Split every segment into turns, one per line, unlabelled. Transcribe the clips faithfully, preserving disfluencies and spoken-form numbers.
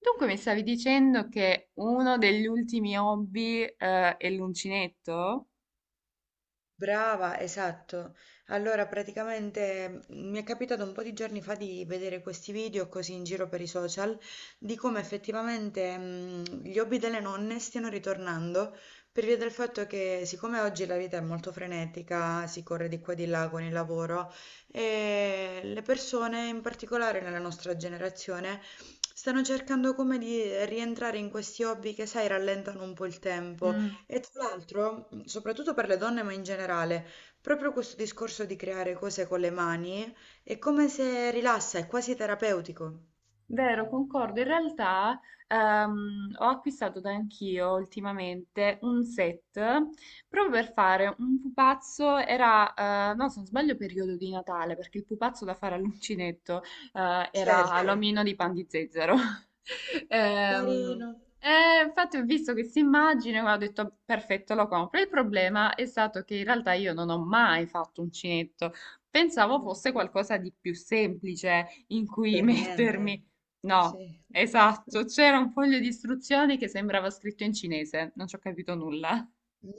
Dunque mi stavi dicendo che uno degli ultimi hobby, eh, è l'uncinetto?
Brava, esatto. Allora, praticamente mh, mi è capitato un po' di giorni fa di vedere questi video così in giro per i social di come effettivamente mh, gli hobby delle nonne stiano ritornando per via del fatto che siccome oggi la vita è molto frenetica, si corre di qua e di là con il lavoro e le persone, in particolare nella nostra generazione, stanno cercando come di rientrare in questi hobby che, sai, rallentano un po' il tempo
Mm.
e tra l'altro, mh, soprattutto per le donne, ma in generale, proprio questo discorso di creare cose con le mani è come se rilassa, è quasi terapeutico.
Vero, concordo. In realtà ehm, ho acquistato da anch'io ultimamente un set proprio per fare un pupazzo. Era, eh, no, se non sbaglio, periodo di Natale, perché il pupazzo da fare all'uncinetto eh, era
Certo,
l'omino di pan di zezzero. Ehm,
carino.
e infatti ho visto questa immagine e ho detto perfetto, lo compro. Il problema è stato che in realtà io non ho mai fatto uncinetto. Pensavo
Mm,
fosse qualcosa di più semplice in cui
Per niente.
mettermi. No,
Sì.
esatto, c'era un foglio di istruzioni che sembrava scritto in cinese, non ci ho capito nulla.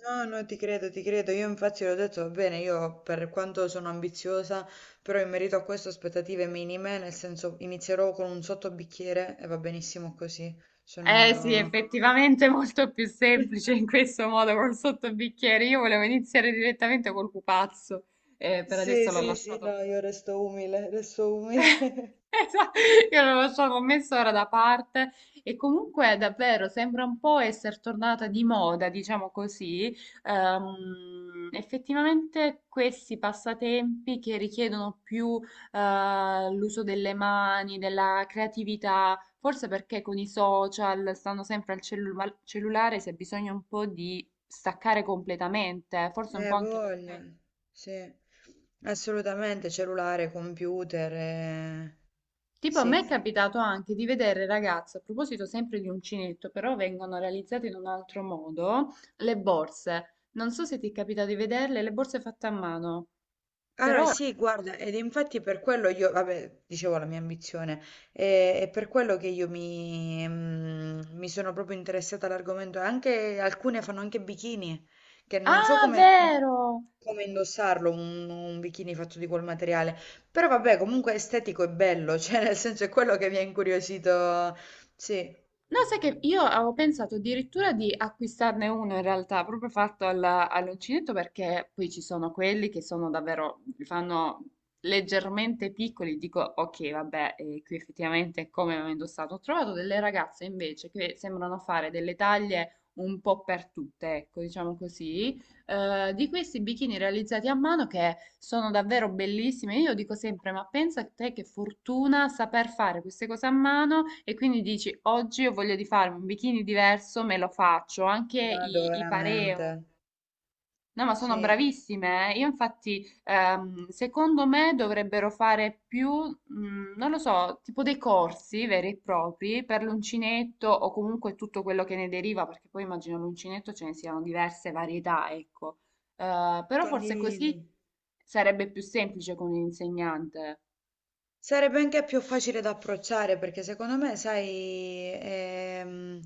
No, no, ti credo, ti credo. Io infatti l'ho detto, va bene, io per quanto sono ambiziosa, però in merito a questo aspettative minime, nel senso inizierò con un sottobicchiere e va benissimo così.
Eh sì,
Sono...
effettivamente è molto più semplice in questo modo col sottobicchiere. Io volevo iniziare direttamente col pupazzo, eh, per
Sì,
adesso l'ho
sì, sì,
lasciato.
no, io resto umile, resto umile.
Esa- Io non lo so, l'ho messo ora da parte e comunque davvero sembra un po' essere tornata di moda, diciamo così. Ehm, effettivamente questi passatempi che richiedono più eh, l'uso delle mani, della creatività, forse perché con i social stanno sempre al cellu- cellulare, si ha bisogno un po' di staccare completamente, forse un po'
Eh,
anche per
voglia,
quello.
sì, assolutamente, cellulare, computer, eh,
Tipo, a me
sì.
è capitato anche di vedere ragazze, a proposito sempre di uncinetto, però vengono realizzate in un altro modo, le borse. Non so se ti è capitato di vederle, le borse fatte a mano,
Allora,
però...
sì, guarda, ed infatti per quello io, vabbè, dicevo la mia ambizione, e, e per quello che io mi, mm, mi sono proprio interessata all'argomento, anche alcune fanno anche bikini, che non so
Ah,
come,
vero!
come indossarlo, un, un bikini fatto di quel materiale, però vabbè, comunque è estetico e bello, cioè nel senso è quello che mi ha incuriosito, sì,
No, sai che io avevo pensato addirittura di acquistarne uno in realtà, proprio fatto al- all'uncinetto, perché poi ci sono quelli che sono davvero, li fanno leggermente piccoli, dico ok, vabbè, eh, qui effettivamente come ho indossato. Ho trovato delle ragazze invece che sembrano fare delle taglie un po' per tutte, ecco, diciamo così, eh, di questi bikini realizzati a mano che sono davvero bellissimi. Io dico sempre, ma pensa a te che fortuna saper fare queste cose a mano e quindi dici, oggi ho voglia di farmi un bikini diverso, me lo faccio, anche
nato
i, i
veramente,
pareo. No, ma sono
sì,
bravissime. Eh. Io infatti, ehm, secondo me dovrebbero fare più, mm, non lo so, tipo dei corsi veri e propri per l'uncinetto o comunque tutto quello che ne deriva, perché poi immagino l'uncinetto ce ne siano diverse varietà, ecco. Eh, però forse
condivido.
così sarebbe più semplice con l'insegnante.
Sarebbe anche più facile da approcciare perché secondo me, sai, ehm,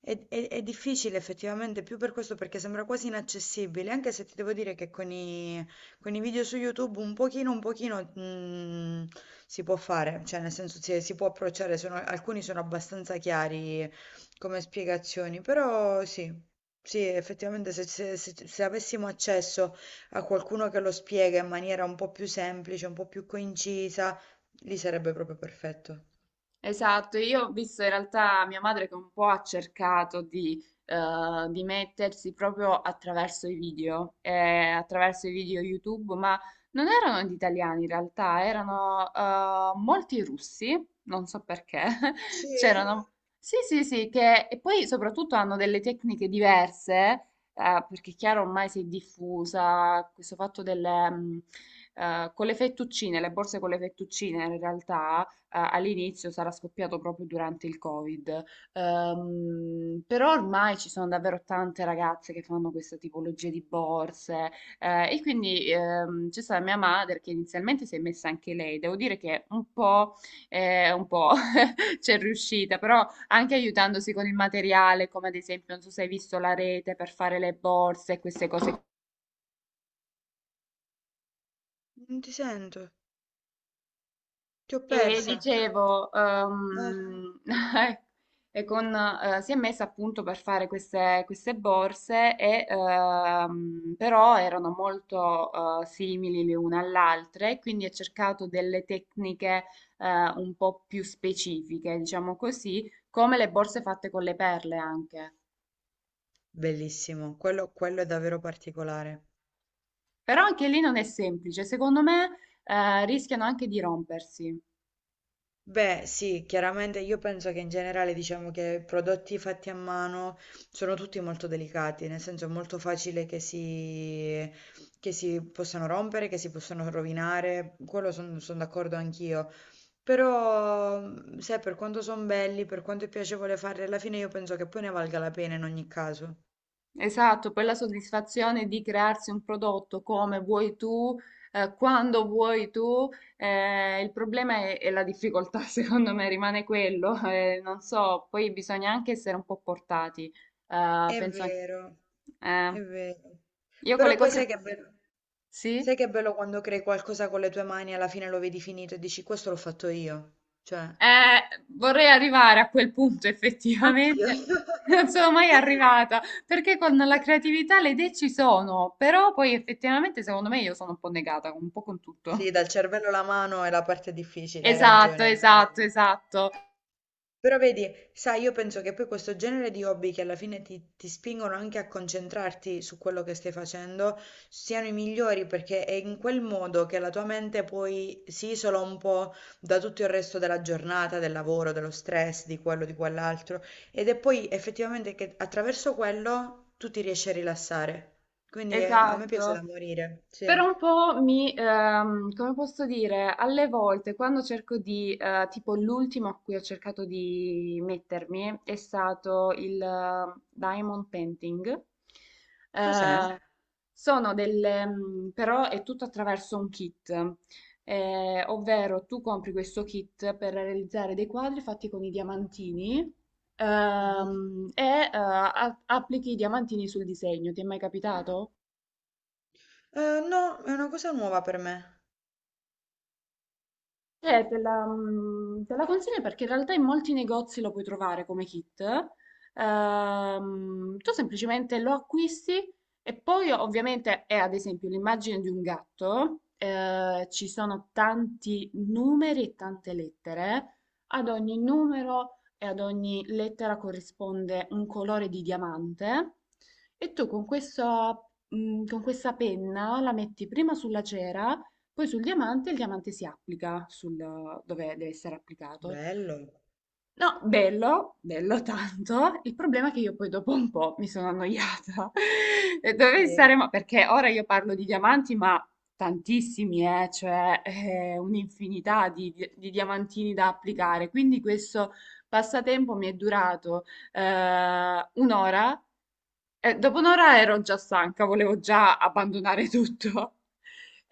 è, è- è difficile effettivamente più per questo perché sembra quasi inaccessibile, anche se ti devo dire che con i, con i video su YouTube un pochino, un pochino mm, si può fare, cioè nel senso si, si può approcciare, sono- alcuni sono abbastanza chiari come spiegazioni, però sì, sì, effettivamente se se- se- se avessimo accesso a qualcuno che lo spiega in maniera un po' più semplice, un po' più concisa, lì sarebbe proprio perfetto.
Esatto, io ho visto in realtà mia madre che un po' ha cercato di, eh, di mettersi proprio attraverso i video, eh, attraverso i video YouTube, ma non erano gli italiani in realtà, erano eh, molti russi, non so perché,
Sì?
c'erano... Sì, sì, sì, che e poi soprattutto hanno delle tecniche diverse, eh, perché è chiaro ormai si è diffusa questo fatto delle... mm, eh, con le fettuccine, le borse con le fettuccine in realtà a- all'inizio sarà scoppiato proprio durante il Covid. Ehm, però ormai ci sono davvero tante ragazze che fanno questa tipologia di borse eh, e quindi ehm, c'è stata mia madre che inizialmente si è messa anche lei. Devo dire che un po', eh, un po' c'è riuscita, però anche aiutandosi con il materiale, come ad esempio, non so se hai visto la rete per fare le borse e queste cose.
Non ti sento, ti ho
E
persa.
dicevo,
Ah,
ehm, e con, eh, si è messa appunto per fare queste, queste borse, e, ehm, però erano molto eh, simili le une all'altra, e quindi ha cercato delle tecniche eh, un po' più specifiche, diciamo così, come le borse fatte con le perle anche.
bellissimo, quello, quello è davvero particolare.
Però anche lì non è semplice, secondo me eh, rischiano anche di rompersi.
Beh, sì, chiaramente io penso che in generale diciamo che prodotti fatti a mano sono tutti molto delicati, nel senso è molto facile che si, che si possano rompere, che si possano rovinare, quello sono d'accordo anch'io. Però, mh, sai, per quanto sono belli, per quanto è piacevole farli, alla fine io penso che poi ne valga la pena in ogni caso.
Esatto, per la soddisfazione di crearsi un prodotto come vuoi tu, eh, quando vuoi tu, eh, il problema è, è la difficoltà, secondo me rimane quello, eh, non so, poi bisogna anche essere un po' portati, eh,
È
penso anche...
vero, è
eh,
vero.
io con
Però
le
poi sai
cose...
che è bello,
Sì?
sai che è bello quando crei qualcosa con le tue mani e alla fine lo vedi finito e dici questo l'ho fatto io. Cioè,
Eh, vorrei arrivare a quel punto
anch'io.
effettivamente. Non sono mai arrivata perché con la creatività le idee ci sono, però poi effettivamente secondo me io sono un po' negata, un po' con tutto.
Sì, dal cervello la mano è la parte difficile, hai
Esatto,
ragione, hai
esatto,
ragione.
esatto,
Però vedi, sai, io penso che poi questo genere di hobby che alla fine ti, ti spingono anche a concentrarti su quello che stai facendo siano i migliori perché è in quel modo che la tua mente poi si isola un po' da tutto il resto della giornata, del lavoro, dello stress, di quello, di quell'altro. Ed è poi effettivamente che attraverso quello tu ti riesci a rilassare. Quindi eh, a me piace da
esatto.
morire, sì.
Però un po' mi, ehm, come posso dire, alle volte quando cerco di, eh, tipo l'ultimo a cui ho cercato di mettermi è stato il eh, diamond painting.
Cos'è?
Eh, sono delle, mm, però è tutto attraverso un kit, eh, ovvero tu compri questo kit per realizzare dei quadri fatti con i diamantini.
Mhm.
ehm, e eh, a- Applichi i diamantini sul disegno, ti è mai capitato?
Eh, no, è una cosa nuova per me.
Eh, te la, mm, te la consiglio perché in realtà in molti negozi lo puoi trovare come kit. Ehm, tu semplicemente lo acquisti e poi ovviamente è ad esempio l'immagine di un gatto, eh, ci sono tanti numeri e tante lettere, ad ogni numero e ad ogni lettera corrisponde un colore di diamante e tu con questo, mm, con questa penna la metti prima sulla cera poi sul diamante, il diamante si applica sul, dove deve essere applicato.
Bello.
No, bello, bello tanto. Il problema è che io poi dopo un po' mi sono annoiata. E dove
Sì.
saremo? Perché ora io parlo di diamanti, ma tantissimi, eh, cioè eh, un'infinità di, di- di diamantini da applicare. Quindi questo passatempo mi è durato eh, un'ora eh, dopo un'ora ero già stanca, volevo già abbandonare tutto.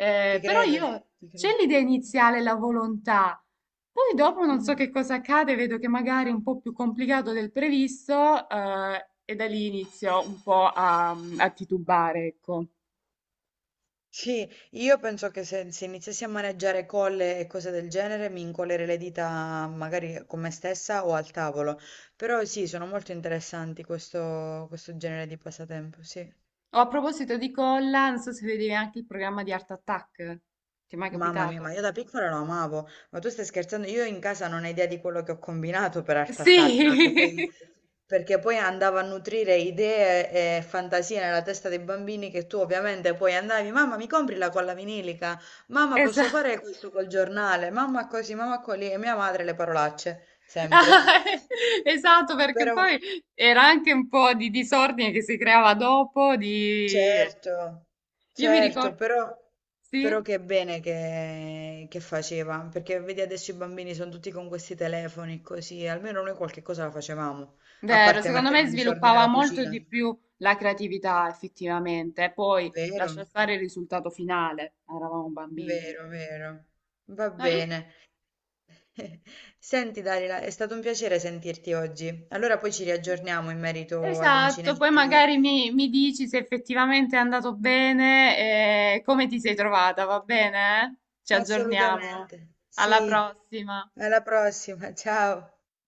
Eh,
Ti
però
credo,
io
ti
c'è
credo.
l'idea iniziale, la volontà. Poi dopo non so
Mh-mh.
che cosa accade, vedo che magari è un po' più complicato del previsto, eh, e da lì inizio un po' a, a titubare, ecco.
Sì, io penso che se se iniziassi a maneggiare colle e cose del genere mi incollerei le dita magari con me stessa o al tavolo. Però sì, sono molto interessanti questo questo genere di passatempo, sì.
Oh, a proposito di colla, non so se vedevi anche il programma di Art Attack. Ti è mai
Mamma mia, ma
capitato?
io da piccola lo amavo, ma tu stai scherzando? Io in casa non ho idea di quello che ho combinato per Art
Sì,
Attack, perché poi, perché poi andavo a nutrire idee e fantasie nella testa dei bambini che tu ovviamente poi andavi, mamma mi compri la colla vinilica, mamma posso
esatto.
fare questo col giornale, mamma così, mamma così, e mia madre le parolacce,
Ah,
sempre.
esatto, perché
Però...
poi era anche un po' di disordine che si creava dopo, di...
Certo,
Io mi
certo,
ricordo...
però,
Sì,
però che bene che, che faceva, perché vedi adesso i bambini sono tutti con questi telefoni così, almeno noi qualche cosa la facevamo, a
vero,
parte
secondo
mettere
me
in disordine
sviluppava
la
molto
cucina.
di più la creatività, effettivamente. Poi
Vero,
lascia stare il risultato finale, eravamo bambini.
vero, vero. Va
No, io-
bene. Senti Darila, è stato un piacere sentirti oggi. Allora poi ci riaggiorniamo in merito
esatto, poi
all'uncinetto.
magari mi, mi dici se effettivamente è andato bene e come ti sei trovata, va bene? Ci aggiorniamo.
Assolutamente.
Alla
Sì,
prossima.
alla prossima, ciao.